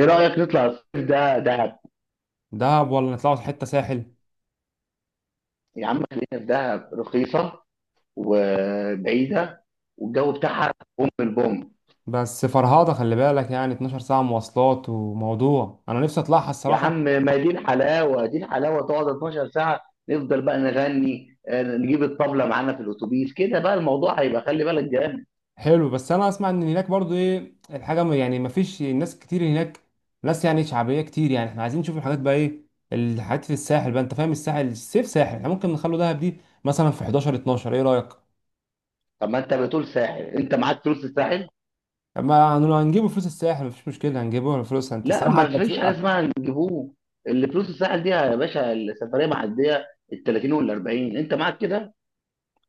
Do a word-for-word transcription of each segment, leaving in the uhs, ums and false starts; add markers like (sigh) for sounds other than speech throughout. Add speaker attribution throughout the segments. Speaker 1: ايه رأيك نطلع الصيف ده دهب.
Speaker 2: دهب ولا نطلعوا حتة ساحل؟
Speaker 1: يا عم خلينا في دهب، رخيصة وبعيدة، والجو بتاعها بوم البوم.
Speaker 2: بس فرهاضة خلي بالك يعني اتناشر ساعة مواصلات وموضوع أنا نفسي أطلعها
Speaker 1: يا
Speaker 2: الصراحة.
Speaker 1: عم ما دي الحلاوة، دي الحلاوة تقعد اتناشر ساعة، نفضل بقى نغني، آه، نجيب الطبلة معانا في الأتوبيس كده، بقى الموضوع هيبقى خلي بالك جامد.
Speaker 2: حلو، بس أنا أسمع إن هناك برضو إيه الحاجة، م- يعني مفيش ناس كتير هناك، ناس يعني شعبية كتير، يعني إحنا عايزين نشوف الحاجات بقى إيه الحاجات في الساحل بقى. أنت فاهم الساحل الصيف ساحل، إحنا ممكن نخلو دهب دي مثلا في حداشر اتناشر، إيه رأيك؟
Speaker 1: طب ما أنت بتقول ساحل، أنت معاك فلوس الساحل؟
Speaker 2: ما هن- هنجيبوا فلوس الساحل، مفيش مشكلة، هنجيبوا فلوس، أنت
Speaker 1: لا،
Speaker 2: الصراحة
Speaker 1: ما
Speaker 2: أنت.
Speaker 1: فيش حاجة اسمها نجيبوه، اللي فلوس الساحل دي يا باشا السفرية معدية، ال تلاتين وال اربعين أنت معاك كده؟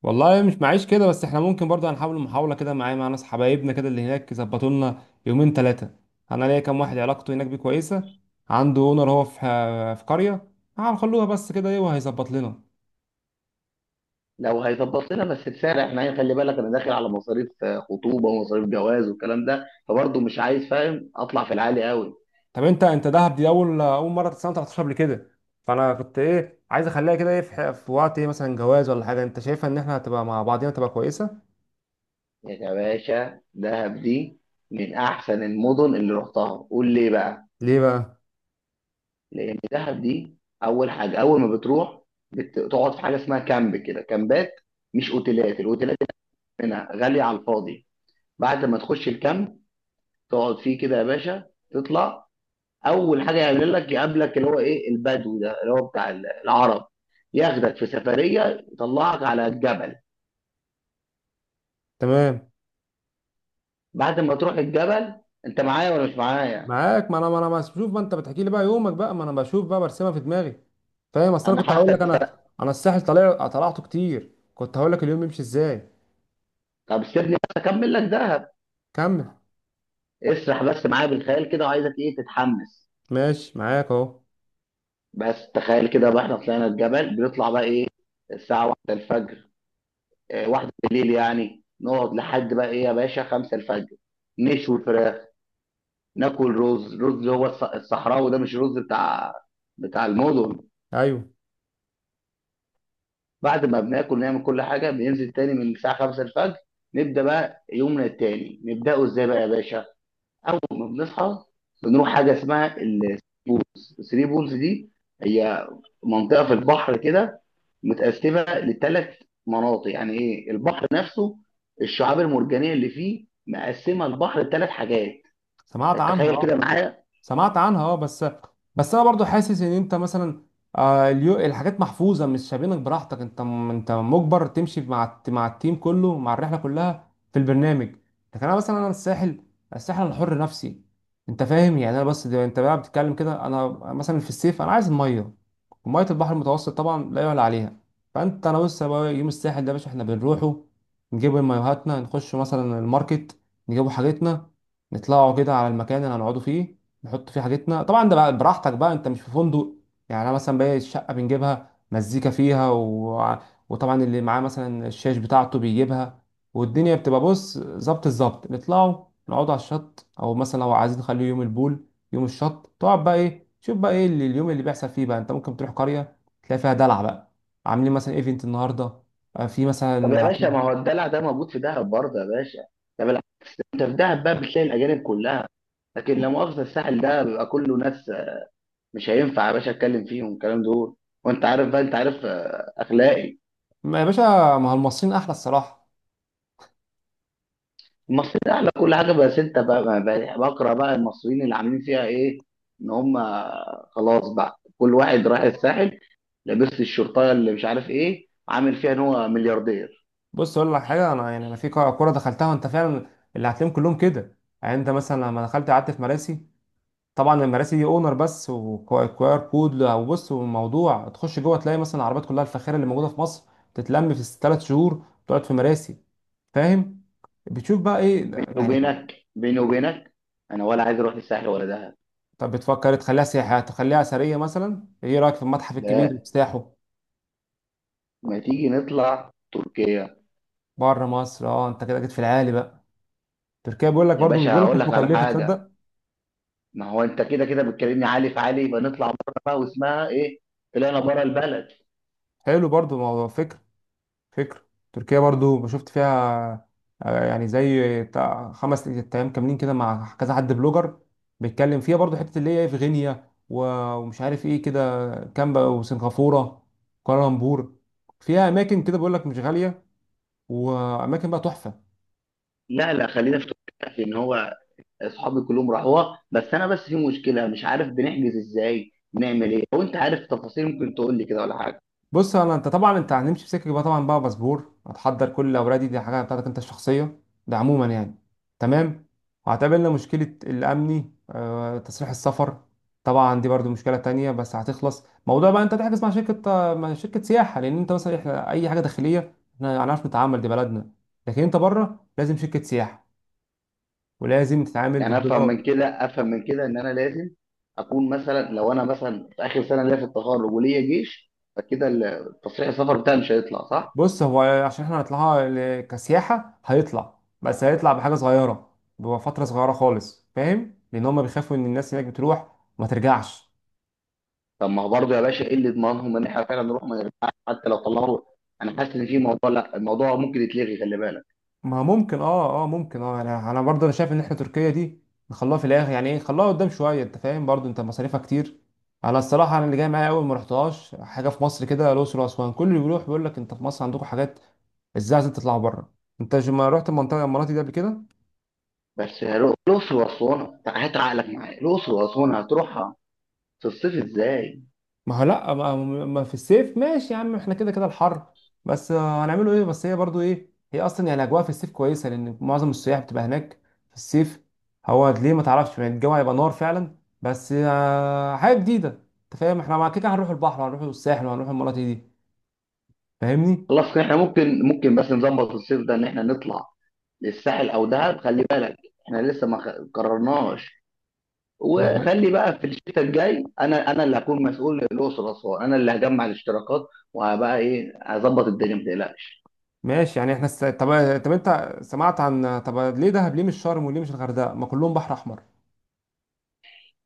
Speaker 2: والله مش معيش كده، بس احنا ممكن برضه هنحاول محاولة كده، معايا مع ناس حبايبنا كده اللي هناك يظبطوا لنا يومين ثلاثة. انا ليا كام واحد علاقته هناك بيه كويسة، عنده اونر، هو في في قرية، هنخلوها بس كده ايه وهيظبط لنا.
Speaker 1: لو هيظبط لنا بس بسعر احنا، يعني خلي بالك انا داخل على مصاريف آه، خطوبه ومصاريف جواز والكلام ده، فبرضه مش عايز فاهم اطلع في العالي قوي.
Speaker 2: طب انت انت دهب دي اول اول مرة سنة تلتاشر قبل كده، فانا كنت ايه عايز اخليها كده ايه في, ح- في وقت ايه مثلا جواز ولا حاجة، انت شايفها ان احنا هتبقى مع بعضينا تبقى كويسة.
Speaker 1: يا باشا دهب دي من احسن المدن اللي رحتها، قول ليه بقى.
Speaker 2: ليه بقى؟
Speaker 1: لان دهب دي اول حاجه اول ما بتروح بتقعد في حاجه اسمها كامب، كده كامبات، مش اوتيلات، الاوتيلات هنا غاليه على الفاضي. بعد ما تخش الكامب تقعد فيه كده يا باشا، تطلع اول حاجه يعمل لك يقابلك اللي هو ايه، البدو ده اللي هو بتاع العرب، ياخدك في سفريه يطلعك على الجبل.
Speaker 2: تمام.
Speaker 1: بعد ما تروح الجبل، انت معايا ولا مش معايا؟
Speaker 2: معاك، ما انا ما انا بشوف ما انت بتحكي لي بقى، يومك بقى ما انا بشوف بقى برسمها في دماغي. فاهم، اصل انا
Speaker 1: انا
Speaker 2: كنت هقول لك، انا
Speaker 1: حاسك.
Speaker 2: انا الساحل طلع طلعته كتير، كنت هقول لك اليوم يمشي ازاي.
Speaker 1: طب سيبني بس اكمل لك دهب،
Speaker 2: كمل.
Speaker 1: اسرح بس معايا بالخيال كده، وعايزك ايه تتحمس.
Speaker 2: ماشي معاك اهو.
Speaker 1: بس تخيل كده بقى، احنا طلعنا الجبل بنطلع بقى ايه، الساعه واحدة الفجر، اه، واحدة بالليل يعني، نقعد لحد بقى ايه يا باشا، خمسة الفجر، نشوي فراخ، ناكل رز، رز اللي هو الص- الصحراوي ده، مش رز بتاع بتاع المدن.
Speaker 2: ايوه.
Speaker 1: بعد ما بناكل نعمل كل حاجه، بننزل تاني من الساعه خمسة الفجر. نبدا بقى يومنا التاني، نبداه ازاي بقى يا باشا؟ اول ما بنصحى بنروح حاجه اسمها البولز، الثري بولز دي هي منطقه في البحر كده، متقسمه لثلاث مناطق، يعني ايه، البحر نفسه الشعاب المرجانيه اللي فيه مقسمه البحر لثلاث حاجات.
Speaker 2: سمعت عنها
Speaker 1: تتخيل كده
Speaker 2: اه.
Speaker 1: معايا؟
Speaker 2: سمعت عنها اه، بس، بس انا برضو حاسس ان انت مثلا، آه، اليو- الحاجات محفوظه، مش سايبينك براحتك، انت م- انت مجبر تمشي مع الت- مع التيم كله مع الرحله كلها في البرنامج. لكن انا مثلا انا الساحل، الساحل انا حر نفسي. انت فاهم يعني، انا بس ده- انت بقى بتتكلم كده انا، مثلا في الصيف انا عايز الميه، وميه البحر المتوسط طبعا لا يعلى عليها. فانت انا بص يا بقى، يوم الساحل ده يا باشا احنا بنروحه، نجيب مايوهاتنا، نخش مثلا الماركت، نجيبوا حاجتنا، نطلعوا كده على المكان اللي هنقعدوا فيه، نحط فيه حاجتنا. طبعا ده بقى براحتك بقى، انت مش في فندق، يعني انا مثلا باقي الشقه بنجيبها مزيكا فيها و... وطبعا اللي معاه مثلا الشاش بتاعته بيجيبها، والدنيا بتبقى بص ظبط الظبط. نطلعوا نقعدوا على الشط، او مثلا لو عايزين نخليه يوم البول، يوم الشط، تقعد بقى ايه، شوف بقى ايه اللي اليوم اللي بيحصل فيه بقى، انت ممكن تروح قريه تلاقي فيها دلع بقى، عاملين مثلا ايفنت النهارده، آه، في
Speaker 1: طب يا
Speaker 2: مثلا
Speaker 1: باشا،
Speaker 2: في.
Speaker 1: ما هو الدلع ده موجود في دهب برضه يا باشا. طب العكس، انت في دهب بقى بتلاقي الاجانب كلها، لكن لا مؤاخذة الساحل ده بيبقى كله ناس مش هينفع يا باشا اتكلم فيهم الكلام دول، وانت عارف بقى، انت عارف آه، اخلاقي.
Speaker 2: ما يا باشا، ما هو المصريين احلى الصراحه.
Speaker 1: المصريين اعلى كل حاجه، بس انت بقى بقى- بقى- بقرا بقى المصريين اللي عاملين فيها ايه. ان هم خلاص بقى كل واحد رايح الساحل لابس الشرطه اللي مش عارف ايه، عامل فيها ان هو ملياردير.
Speaker 2: بص اقول لك حاجه، انا يعني انا في كوره كورة دخلتها، وانت فعلا اللي هتلاقيهم كلهم كده. يعني انت مثلا لما دخلت قعدت في مراسي، طبعا المراسي دي اونر بس وكوار كود، او بص وموضوع تخش جوه تلاقي مثلا العربيات كلها الفاخره اللي موجوده في مصر تتلم في ثلاث شهور تقعد في مراسي. فاهم، بتشوف بقى ايه
Speaker 1: بيني
Speaker 2: يعني.
Speaker 1: وبينك، بيني وبينك، انا ولا عايز اروح الساحل ولا دهب.
Speaker 2: طب بتفكر تخليها سياحه، تخليها اثريه مثلا، ايه رايك في المتحف الكبير اللي
Speaker 1: لا،
Speaker 2: افتتاحه؟
Speaker 1: ما تيجي نطلع تركيا.
Speaker 2: بره مصر، اه انت كده جيت في العالي بقى. تركيا بيقول لك
Speaker 1: يا
Speaker 2: برضو، مش
Speaker 1: باشا
Speaker 2: بيقول لك
Speaker 1: هقول
Speaker 2: مش
Speaker 1: لك على
Speaker 2: مكلفه،
Speaker 1: حاجه،
Speaker 2: تصدق.
Speaker 1: ما هو انت كده كده بتكلمني عالي في عالي، يبقى نطلع بره بقى واسمها ايه، طلعنا بره البلد.
Speaker 2: حلو برضو، موضوع فكره، فكرة. تركيا برضو شفت فيها، آه، يعني زي تع- خمس ايام كاملين كده، مع كذا حد بلوجر بيتكلم فيها برضو، حتة اللي هي إيه في غينيا و- ومش عارف ايه كده، كامبا وسنغافورة، كوالالمبور، فيها اماكن كده بيقول لك مش غالية، واماكن بقى تحفة.
Speaker 1: لا لا، خلينا في تركيا. في ان هو اصحابي كلهم راحوها، بس انا بس في مشكله مش عارف بنحجز ازاي، نعمل ايه، لو انت عارف تفاصيل ممكن تقول لي كده ولا حاجه.
Speaker 2: بص انا، انت طبعا انت هنمشي في سكه بقى، طبعا بقى باسبور هتحضر كل الاوراق دي، دي حاجه بتاعتك انت الشخصيه، ده عموما يعني. تمام. وهتقابلنا مشكله الامني، آه، تصريح السفر، طبعا دي برضو مشكله تانية بس هتخلص. موضوع بقى انت تحجز مع شركه آه، مع شركه سياحه، لان انت مثلا احنا اي حاجه داخليه احنا هنعرف نتعامل، دي بلدنا، لكن انت بره لازم شركه سياحه، ولازم تتعامل
Speaker 1: يعني افهم من
Speaker 2: بالدولار.
Speaker 1: كده، افهم من كده، ان انا لازم اكون مثلا، لو انا مثلا في اخر سنه ليا في التخرج وليا جيش، فكده ال- تصريح السفر بتاعي مش هيطلع صح.
Speaker 2: بص هو عشان احنا هنطلعها ل- كسياحة هيطلع، بس هيطلع بحاجة صغيرة، بفترة صغيرة خالص، فاهم، لأن هما بيخافوا إن الناس هناك بتروح وما ترجعش.
Speaker 1: طب ما هو برضه يا باشا، ايه اللي يضمنهم ان احنا فعلا نروح ما نرجعش حتى لو طلعوا؟ انا حاسس ان في موضوع، لا الموضوع ممكن يتلغي، خلي بالك.
Speaker 2: ما ممكن، اه اه ممكن اه، أنا أنا برضه أنا شايف إن احنا تركيا دي نخلوها في الآخر، يعني إيه نخلوها قدام شوية، أنت فاهم برضه أنت مصاريفها كتير. أنا الصراحة أنا اللي جاي معايا، أول ما رحتهاش حاجة في مصر كده الأقصر وأسوان، كل اللي بيروح بيقول لك أنت في مصر عندكم حاجات، إزاي عايزين تطلعوا بره. أنت ما رحت المنطقة، المناطق دي قبل كده.
Speaker 1: بس هرو- الاقصر واسوان، تع- هات عقلك معايا، الاقصر واسوان هتروحها في الصيف ازاي؟
Speaker 2: ما هو لا ما, ما في الصيف ماشي يا عم، احنا كده كده الحر، بس آه، هنعمله ايه، بس هي برضو ايه، هي اصلا يعني الاجواء في الصيف كويسه لان معظم السياح بتبقى هناك في الصيف. هو ليه ما تعرفش يعني، الجو هيبقى نار فعلا، بس آه، حاجه جديده. انت فاهم احنا مع كده هنروح البحر وهنروح الساحل وهنروح المناطق دي، فاهمني.
Speaker 1: خلاص كده احنا ممكن ممكن بس نظبط الصيف ده ان احنا نطلع للساحل او دهب، خلي بالك احنا لسه ما خ- قررناش.
Speaker 2: ما إحنا-
Speaker 1: وخلي بقى في الشتاء الجاي انا انا اللي هكون مسؤول للاقصر واسوان، انا اللي هجمع الاشتراكات، وهبقى ايه، هظبط الدنيا ما تقلقش.
Speaker 2: ماشي يعني احنا الس- طب. طب انت سمعت عن، طب ليه دهب، ليه مش شرم وليه مش الغردقه، ما كلهم بحر احمر.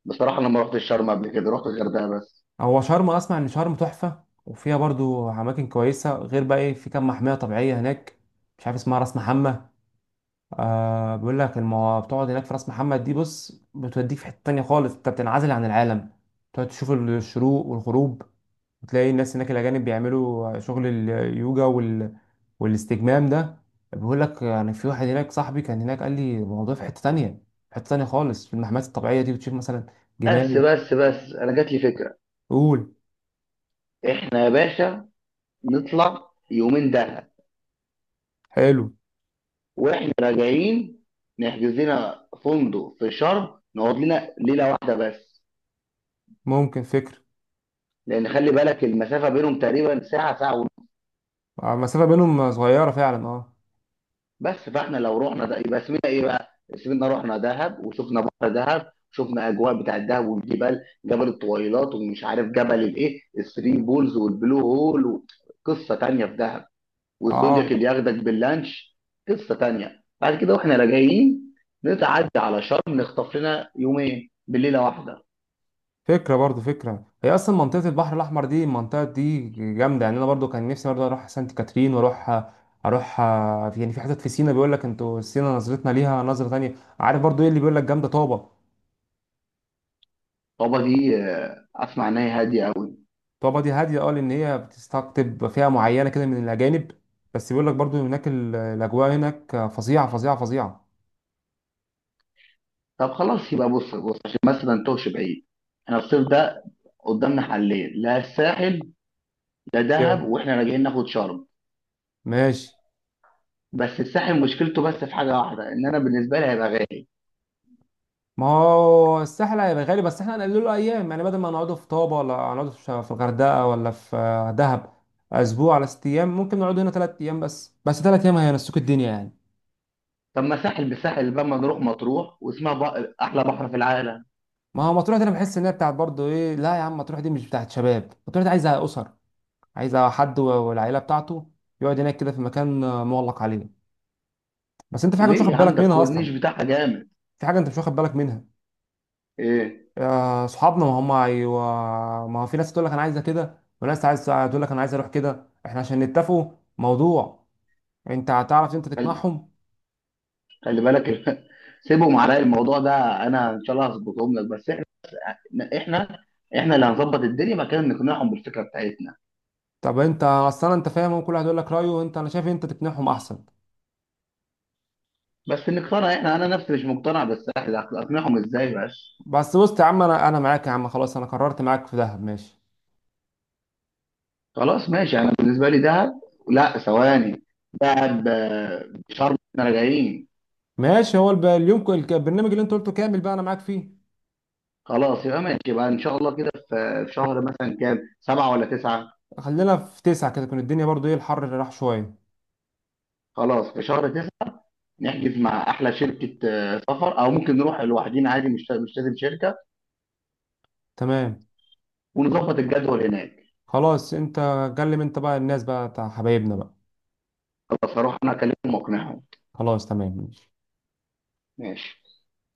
Speaker 1: بصراحه انا ما رحتش شرم قبل كده، رحت الغردقه بس.
Speaker 2: هو شرم اسمع ان شرم تحفه، وفيها برضو اماكن كويسه، غير بقى ايه في كام محميه طبيعيه هناك، مش عارف اسمها راس محمد. آه بيقول لك المو... بتقعد هناك في راس محمد دي، بص بتوديك في حته تانية خالص، انت بتنعزل عن العالم، تقعد تشوف الشروق والغروب، وتلاقي الناس هناك الاجانب بيعملوا شغل اليوجا وال... والاستجمام ده. بيقول لك يعني، في واحد هناك صاحبي كان هناك قال لي الموضوع في حته تانية، في حته تانية خالص، في المحميات الطبيعيه دي بتشوف مثلا
Speaker 1: بس
Speaker 2: جمال.
Speaker 1: بس بس انا جات لي فكره.
Speaker 2: قول.
Speaker 1: احنا يا باشا نطلع يومين دهب،
Speaker 2: حلو.
Speaker 1: واحنا راجعين نحجز لنا فندق في شرم نقعد لنا ليله واحده بس.
Speaker 2: ممكن فكرة.
Speaker 1: لان خلي بالك المسافه بينهم تقريبا ساعه، ساعه ونص.
Speaker 2: آه، المسافة بينهم صغيرة فعلا اه.
Speaker 1: بس فاحنا لو رحنا ده يبقى اسمنا ايه بقى؟ اسمنا رحنا دهب وشفنا بحر دهب، شفنا اجواء بتاع الدهب والجبال، جبل الطويلات ومش عارف جبل الايه، الثري بولز والبلو هول، قصه تانيه في دهب، والزودياك
Speaker 2: اه
Speaker 1: اللي ياخدك باللانش، قصه تانيه. بعد كده واحنا راجعين نتعدى على شرم نخطف لنا يومين بالليله واحده.
Speaker 2: فكرة برضو فكرة، هي أصلا منطقة البحر الأحمر دي، المنطقة دي جامدة يعني، أنا برضو كان نفسي برضو أروح سانت كاترين، وأروح أروح آه، في- يعني في حتت في سينا، بيقول لك أنتوا سينا نظرتنا ليها نظرة تانية. عارف برضو إيه اللي بيقول لك، جامدة طابة.
Speaker 1: طابا دي آه، اسمع ان هي هاديه قوي.
Speaker 2: طابة دي هادية أه، لأن هي بتستقطب فئة معينة كده من الأجانب، بس بيقول لك برضو هناك ال- الأجواء هناك فظيعة فظيعة فظيعة.
Speaker 1: طب خلاص يبقى، بص بص عشان بس ما نتوهش بعيد، احنا الصيف ده قدامنا حلين، لا الساحل لا
Speaker 2: يا-
Speaker 1: دهب، واحنا راجعين ناخد شرم.
Speaker 2: ماشي.
Speaker 1: بس الساحل مشكلته بس في حاجه واحده، ان انا بالنسبه لي هيبقى غالي.
Speaker 2: ما هو الساحل هيبقى غالي، بس احنا هنقلله له ايام يعني، بدل ما نقعده في طابة ولا نقعده في في الغردقة ولا في آه، دهب اسبوع على ست ايام، ممكن نقعد هنا ثلاث ايام بس بس ثلاث ايام هينسوك الدنيا يعني.
Speaker 1: طب ما ساحل بساحل بقى، ما نروح مطروح واسمها، بق... احلى بحر في العالم.
Speaker 2: ما هو مطروح دي انا بحس ان هي بتاعت برضه ايه، لا يا عم مطروح دي مش بتاعت شباب، مطروح دي عايزه اسر، عايزه حد و- والعيله بتاعته يقعد هناك كده في مكان آه، مغلق عليه. بس انت في حاجه مش
Speaker 1: ليه يا
Speaker 2: واخد
Speaker 1: عم،
Speaker 2: بالك
Speaker 1: ده
Speaker 2: منها
Speaker 1: الكورنيش
Speaker 2: اصلا،
Speaker 1: بتاعها جامد.
Speaker 2: في حاجه انت مش واخد بالك منها.
Speaker 1: ايه؟
Speaker 2: يا اصحابنا ما هم ايوه، ما هو في ناس تقول لك انا عايزه كده، وناس عايز تقول لك انا عايز اروح كده، احنا عشان نتفقوا موضوع، انت هتعرف انت تقنعهم.
Speaker 1: خلي بالك (laughs) سيبهم عليا الموضوع ده، انا ان شاء الله هظبطهم لك. بس احنا، احنا احنا اللي هنظبط الدنيا، مكان إن نقنعهم بالفكره بتاعتنا.
Speaker 2: طب انت اصلا انت فاهم، وكل واحد يقول لك رايه، وانت انا شايف انت تقنعهم احسن.
Speaker 1: بس نقتنع احنا، انا نفسي مش مقتنع، بس احنا اقنعهم ازاي بس.
Speaker 2: بس بص يا عم، انا انا معاك يا عم، خلاص انا قررت معاك في دهب، ماشي.
Speaker 1: خلاص ماشي، انا بالنسبه لي دهب. لا ثواني، دهب آه، شرم احنا راجعين.
Speaker 2: ماشي. هو الب- اليوم ك- الك- البرنامج اللي انت قلته كامل بقى انا معاك فيه.
Speaker 1: خلاص يبقى ماشي، يبقى ان شاء الله كده في في شهر مثلا كام، سبعة ولا تسعة؟
Speaker 2: خلينا في تسعة كده تكون الدنيا برضو ايه الحر اللي راح شويه.
Speaker 1: خلاص في شهر تسعة. نحجز مع احلى شركه آه، سفر، او ممكن نروح لوحدينا عادي، مش مش لازم شركه،
Speaker 2: تمام.
Speaker 1: ونظبط الجدول هناك.
Speaker 2: خلاص انت، كلم انت بقى الناس بقى بتاع حبايبنا بقى.
Speaker 1: خلاص هروح انا اكلمهم واقنعهم.
Speaker 2: خلاص تمام ماشي.
Speaker 1: ماشي.